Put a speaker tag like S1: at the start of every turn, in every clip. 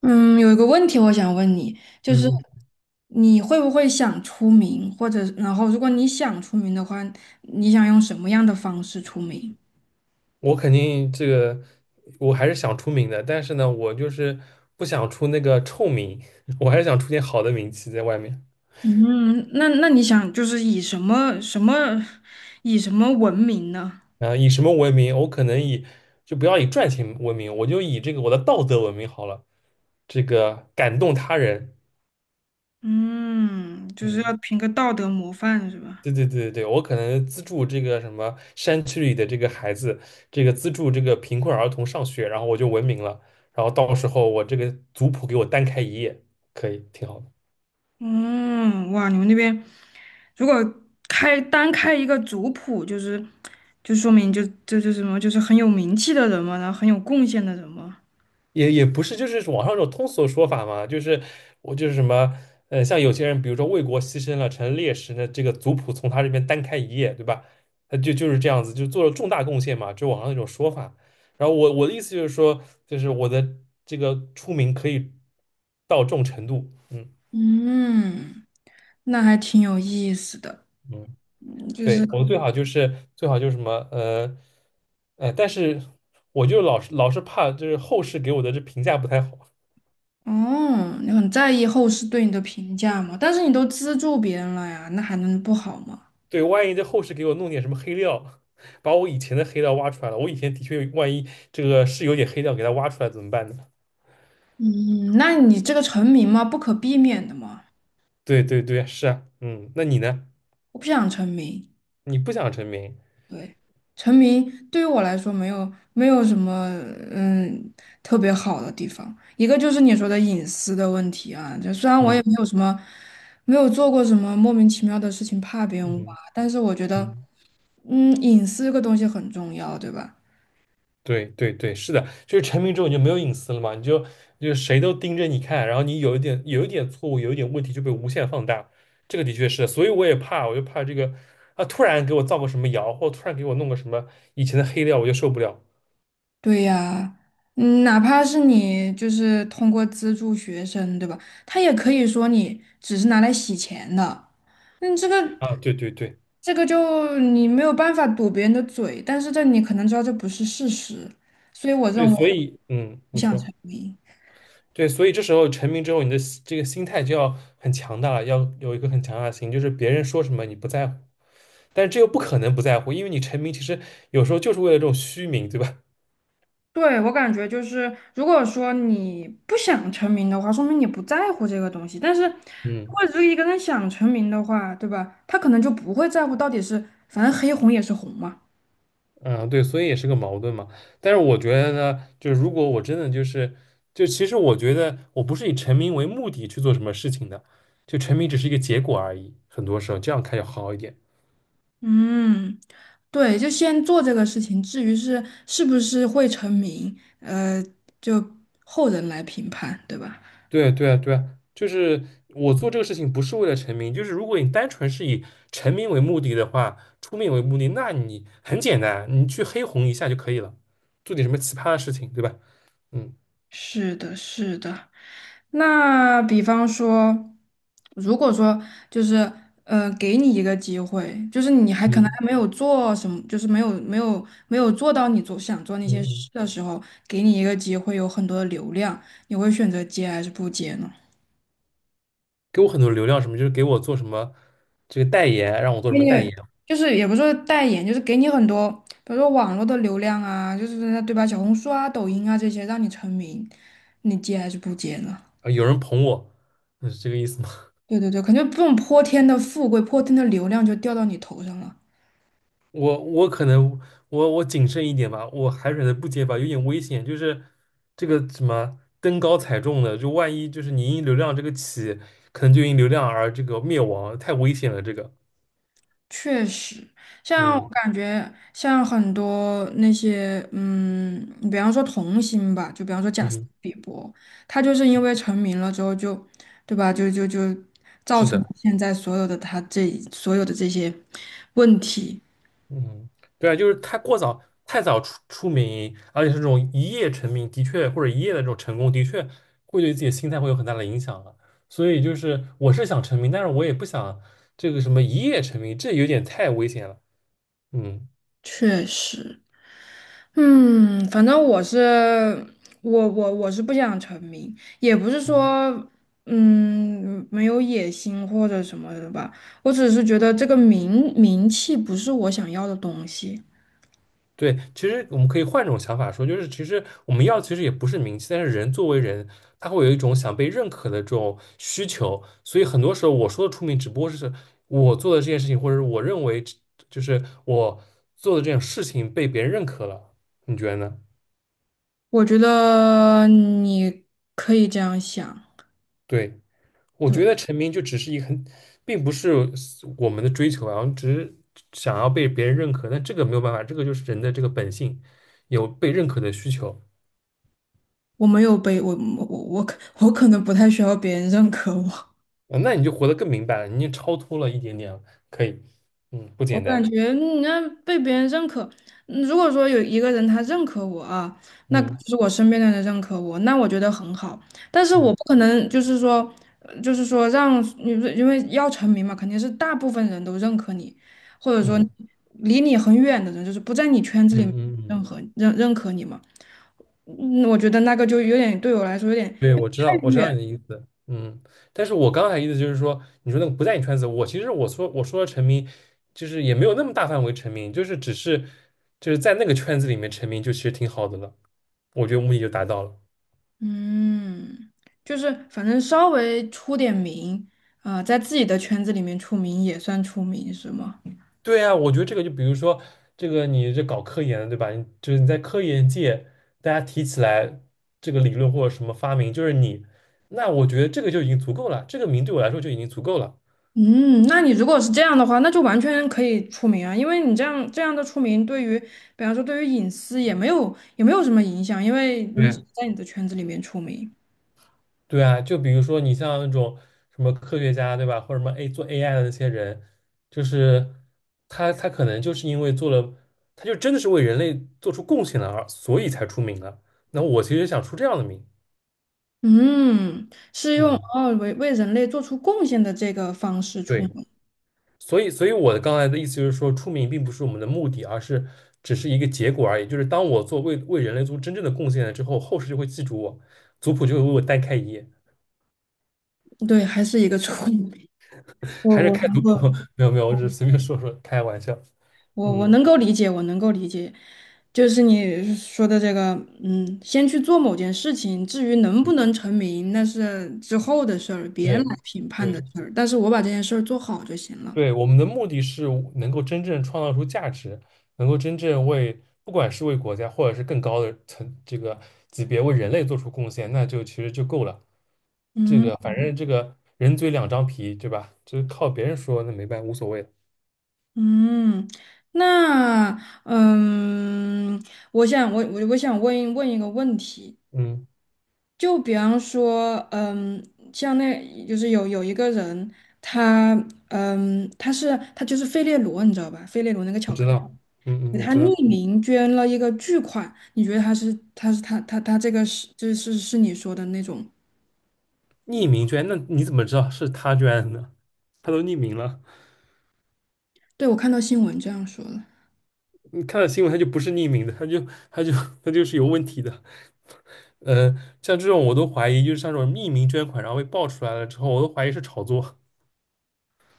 S1: 嗯，有一个问题我想问你，就是
S2: 嗯，
S1: 你会不会想出名，或者然后如果你想出名的话，你想用什么样的方式出名？
S2: 我肯定这个，我还是想出名的，但是呢，我就是不想出那个臭名，我还是想出点好的名气在外面。
S1: 嗯，那你想就是以什么闻名呢？
S2: 啊以什么闻名？我可能以就不要以赚钱闻名，我就以这个我的道德闻名好了。这个感动他人，
S1: 嗯，就是要
S2: 嗯，
S1: 凭个道德模范是吧？
S2: 对对对对，我可能资助这个什么山区里的这个孩子，这个资助这个贫困儿童上学，然后我就闻名了。然后到时候我这个族谱给我单开一页，可以，挺好的。
S1: 嗯，哇，你们那边如果开单开一个族谱，就是就说明就是什么，就是很有名气的人嘛，然后很有贡献的人嘛。
S2: 也也不是，就是网上种通俗的说法嘛，就是我就是什么，像有些人，比如说为国牺牲了，成了烈士，那这个族谱从他这边单开一页，对吧？他就是这样子，就做了重大贡献嘛，就网上那种说法。然后我的意思就是说，就是我的这个出名可以到这种程度，嗯
S1: 嗯，那还挺有意思的，
S2: 嗯，
S1: 嗯就是
S2: 对，我们最好就是最好就是什么，但是我就老是怕就是后世给我的这评价不太好，
S1: 哦，你很在意后世对你的评价嘛？但是你都资助别人了呀，那还能不好吗？
S2: 对，万一在后世给我弄点什么黑料，把我以前的黑料挖出来了，我以前的确万一这个是有点黑料，给他挖出来怎么办呢？
S1: 嗯，那你这个成名嘛，不可避免的嘛，
S2: 对对对，是啊，嗯，那你呢？
S1: 我不想成名。
S2: 你不想成名，
S1: 对，成名对于我来说没有什么嗯特别好的地方，一个就是你说的隐私的问题啊，就虽然我
S2: 嗯
S1: 也没有什么没有做过什么莫名其妙的事情怕别人挖，
S2: 嗯
S1: 但是我觉得
S2: 嗯，
S1: 嗯隐私这个东西很重要，对吧？
S2: 对对对，是的，就是成名之后你就没有隐私了嘛，你就谁都盯着你看，然后你有一点错误，有一点问题就被无限放大，这个的确是，所以我也怕，我就怕这个啊，突然给我造个什么谣，或突然给我弄个什么以前的黑料，我就受不了
S1: 对呀，嗯，哪怕是你就是通过资助学生，对吧？他也可以说你只是拿来洗钱的，嗯，这个。
S2: 啊，对对对。
S1: 这个就你没有办法堵别人的嘴，但是这你可能知道这不是事实，所以我
S2: 对，
S1: 认为
S2: 所以嗯，
S1: 不
S2: 你
S1: 想
S2: 说
S1: 成名。
S2: 对，所以这时候成名之后，你的心这个心态就要很强大了，要有一个很强大的心，就是别人说什么你不在乎，但是这又不可能不在乎，因为你成名其实有时候就是为了这种虚名，对吧？
S1: 对，我感觉就是，如果说你不想成名的话，说明你不在乎这个东西。但是，如
S2: 嗯
S1: 果只有一个人想成名的话，对吧？他可能就不会在乎到底是，反正黑红也是红嘛。
S2: 嗯，对，所以也是个矛盾嘛。但是我觉得呢，就是如果我真的就是，就其实我觉得我不是以成名为目的去做什么事情的，就成名只是一个结果而已，很多时候这样看要好一点。
S1: 嗯，对，就先做这个事情，至于是不是会成名，就后人来评判，对吧？
S2: 对对啊对啊，就是我做这个事情不是为了成名，就是如果你单纯是以成名为目的的话，出名为目的，那你很简单，你去黑红一下就可以了，做点什么奇葩的事情，对吧？嗯
S1: 是的，是的。那比方说，如果说就是，给你一个机会，就是你还可能
S2: 嗯
S1: 还没有做什么，就是没有做到你做想做那
S2: 嗯
S1: 些事
S2: 嗯，
S1: 的时候，给你一个机会，有很多的流量，你会选择接还是不接呢？
S2: 给我很多流量什么，就是给我做什么这个代言，让我做什
S1: 给
S2: 么代
S1: 你
S2: 言，
S1: 就是也不是说代言，就是给你很多，比如说网络的流量啊，就是对吧？小红书啊、抖音啊这些，让你成名，你接还是不接呢？
S2: 啊，有人捧我，嗯，是这个意思吗？
S1: 对对对，感觉这种泼天的富贵、泼天的流量就掉到你头上了。
S2: 我可能我谨慎一点吧，我还选择不接吧，有点危险。就是这个什么登高踩重的，就万一就是你因流量这个起，可能就因流量而这个灭亡，太危险了。这个，
S1: 确实，像我
S2: 嗯
S1: 感觉，像很多那些，嗯，比方说童星吧，就比方说贾斯
S2: 嗯，
S1: 汀比伯，他就是因为成名了之后就，对吧？就造
S2: 是
S1: 成了
S2: 的，
S1: 现在所有的他这所有的这些问题。
S2: 嗯，对啊，就是太过早太早出名，而且是这种一夜成名，的确或者一夜的这种成功，的确会对自己的心态会有很大的影响啊。所以就是我是想成名，但是我也不想这个什么一夜成名，这有点太危险了。嗯。
S1: 确实。嗯，反正我是我是不想成名，也不是说嗯没有野心或者什么的吧，我只是觉得这个名气不是我想要的东西。
S2: 对，其实我们可以换种想法说，就是其实我们要其实也不是名气，但是人作为人，他会有一种想被认可的这种需求，所以很多时候我说的出名，只不过是我做的这件事情，或者是我认为这就是我做的这种事情被别人认可了，你觉得呢？
S1: 我觉得你可以这样想，
S2: 对，我觉得成名就只是一个很，并不是我们的追求啊，我们只是想要被别人认可，但这个没有办法，这个就是人的这个本性，有被认可的需求。
S1: 我没有被我我我可我可能不太需要别人认可我。
S2: 啊那你就活得更明白了，你已经超脱了一点点了，可以，嗯，不
S1: 我
S2: 简
S1: 感
S2: 单，
S1: 觉你要被别人认可，嗯如果说有一个人他认可我啊，那
S2: 嗯
S1: 就是我身边的人认可我，那我觉得很好。但是我不
S2: 嗯
S1: 可能就是说，就是说让你不是因为要成名嘛，肯定是大部分人都认可你，或者说
S2: 嗯
S1: 离你很远的人，就是不在你圈子
S2: 嗯
S1: 里
S2: 嗯
S1: 认
S2: 嗯，
S1: 可认认可你嘛。嗯，我觉得那个就有点对我来说有点
S2: 对，
S1: 有点
S2: 我知道，
S1: 太
S2: 我知道你
S1: 远。
S2: 的意思，嗯，但是我刚才意思就是说，你说那个不在你圈子，我其实我说的沉迷，就是也没有那么大范围成名，就是只是就是在那个圈子里面成名，就其实挺好的了，我觉得目的就达到了。
S1: 嗯，就是反正稍微出点名，啊、在自己的圈子里面出名也算出名，是吗？
S2: 对啊，我觉得这个就比如说，这个你这搞科研的，对吧？你就是你在科研界，大家提起来这个理论或者什么发明，就是你，那我觉得这个就已经足够了，这个名对我来说就已经足够了。
S1: 嗯，那你如果是这样的话，那就完全可以出名啊，因为你这样的出名，对于比方说对于隐私也没有什么影响，因为你只
S2: 对，
S1: 是在你的圈子里面出名。
S2: 对啊，就比如说你像那种什么科学家，对吧？或者什么 A 做 AI 的那些人，就是他可能就是因为做了，他就真的是为人类做出贡献了而，所以才出名了。那我其实想出这样的名，
S1: 嗯，是用
S2: 嗯，
S1: 哦为人类做出贡献的这个方式出
S2: 对。
S1: 名，
S2: 所以，所以我的刚才的意思就是说，出名并不是我们的目的，而是只是一个结果而已。就是当我做为为人类做真正的贡献了之后，后世就会记住我，族谱就会为我单开一页。
S1: 对，还是一个出名。我
S2: 还是
S1: 我
S2: 开族谱？
S1: 我。
S2: 没有没有，我只是随便说说，开玩笑。
S1: 我
S2: 嗯，
S1: 能够理解，我能够理解，就是你说的这个，嗯，先去做某件事情，至于能不能成名，那是之后的事儿，别人
S2: 对
S1: 来评判
S2: 对。
S1: 的事儿。但是我把这件事儿做好就行了。
S2: 对，我们的目的是能够真正创造出价值，能够真正为，不管是为国家，或者是更高的层这个级别为人类做出贡献，那就其实就够了。这
S1: 嗯
S2: 个反正这个人嘴两张皮，对吧？就是靠别人说，那没办法无所谓的
S1: 嗯，那嗯，我想问一个问题，
S2: 嗯，
S1: 就比方说，嗯，像那就是有一个人，他嗯他就是费列罗，你知道吧？费列罗那个
S2: 我
S1: 巧克
S2: 知
S1: 力
S2: 道，嗯
S1: 给
S2: 嗯，我
S1: 他
S2: 知道。
S1: 匿名捐了一个巨款，你觉得他这个是这是是你说的那种？
S2: 匿名捐，那你怎么知道是他捐的呢？他都匿名了，
S1: 对，我看到新闻这样说的。
S2: 你看到新闻，他就不是匿名的，他就他就 他就是有问题的。嗯，像这种我都怀疑，就是像这种匿名捐款，然后被爆出来了之后，我都怀疑是炒作。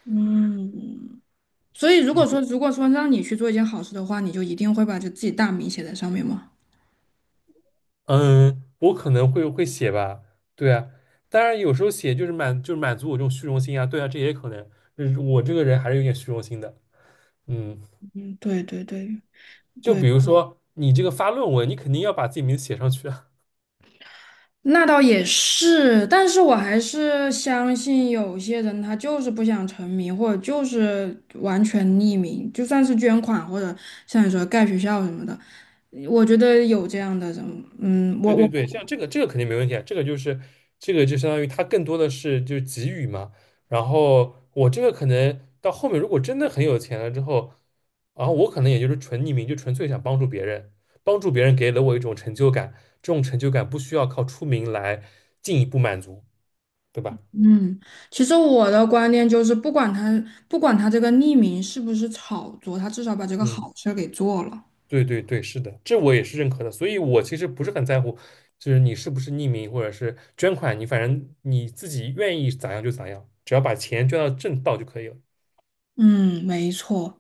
S1: 嗯，所以如果说让你去做一件好事的话，你就一定会把就自己大名写在上面吗？
S2: 嗯，我可能会写吧，对啊，当然有时候写就是满足我这种虚荣心啊，对啊，这也可能，就是我这个人还是有点虚荣心的。嗯，
S1: 嗯，对对对，
S2: 就比如嗯说你这个发论文，你肯定要把自己名字写上去啊。
S1: 那倒也是，但是我还是相信有些人他就是不想成名，或者就是完全匿名，就算是捐款或者像你说盖学校什么的，我觉得有这样的人，嗯，
S2: 对
S1: 我
S2: 对
S1: 我。
S2: 对，像这个肯定没问题啊，这个就是这个就相当于他更多的是就是给予嘛。然后我这个可能到后面如果真的很有钱了之后，然后我可能也就是纯匿名，就纯粹想帮助别人，帮助别人给了我一种成就感，这种成就感不需要靠出名来进一步满足，对吧？
S1: 嗯，其实我的观念就是，不管他这个匿名是不是炒作，他至少把这个
S2: 嗯，
S1: 好事儿给做了。
S2: 对对对，是的，这我也是认可的。所以我其实不是很在乎，就是你是不是匿名或者是捐款，你反正你自己愿意咋样就咋样，只要把钱捐到正道就可以了。
S1: 嗯，没错。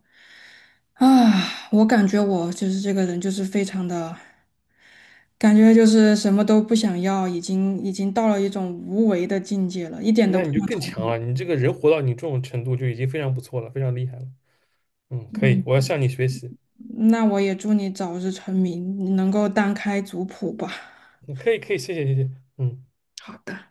S1: 啊，我感觉我就是这个人，就是非常的，感觉就是什么都不想要，已经到了一种无为的境界了，一点都
S2: 那
S1: 不
S2: 你就
S1: 想
S2: 更
S1: 成
S2: 强
S1: 为。
S2: 了。你这个人活到你这种程度就已经非常不错了，非常厉害了。嗯，可以，
S1: 嗯，
S2: 我要向你学习。
S1: 那我也祝你早日成名，能够单开族谱吧。
S2: 嗯可以，可以，谢谢，谢谢。嗯。
S1: 好的。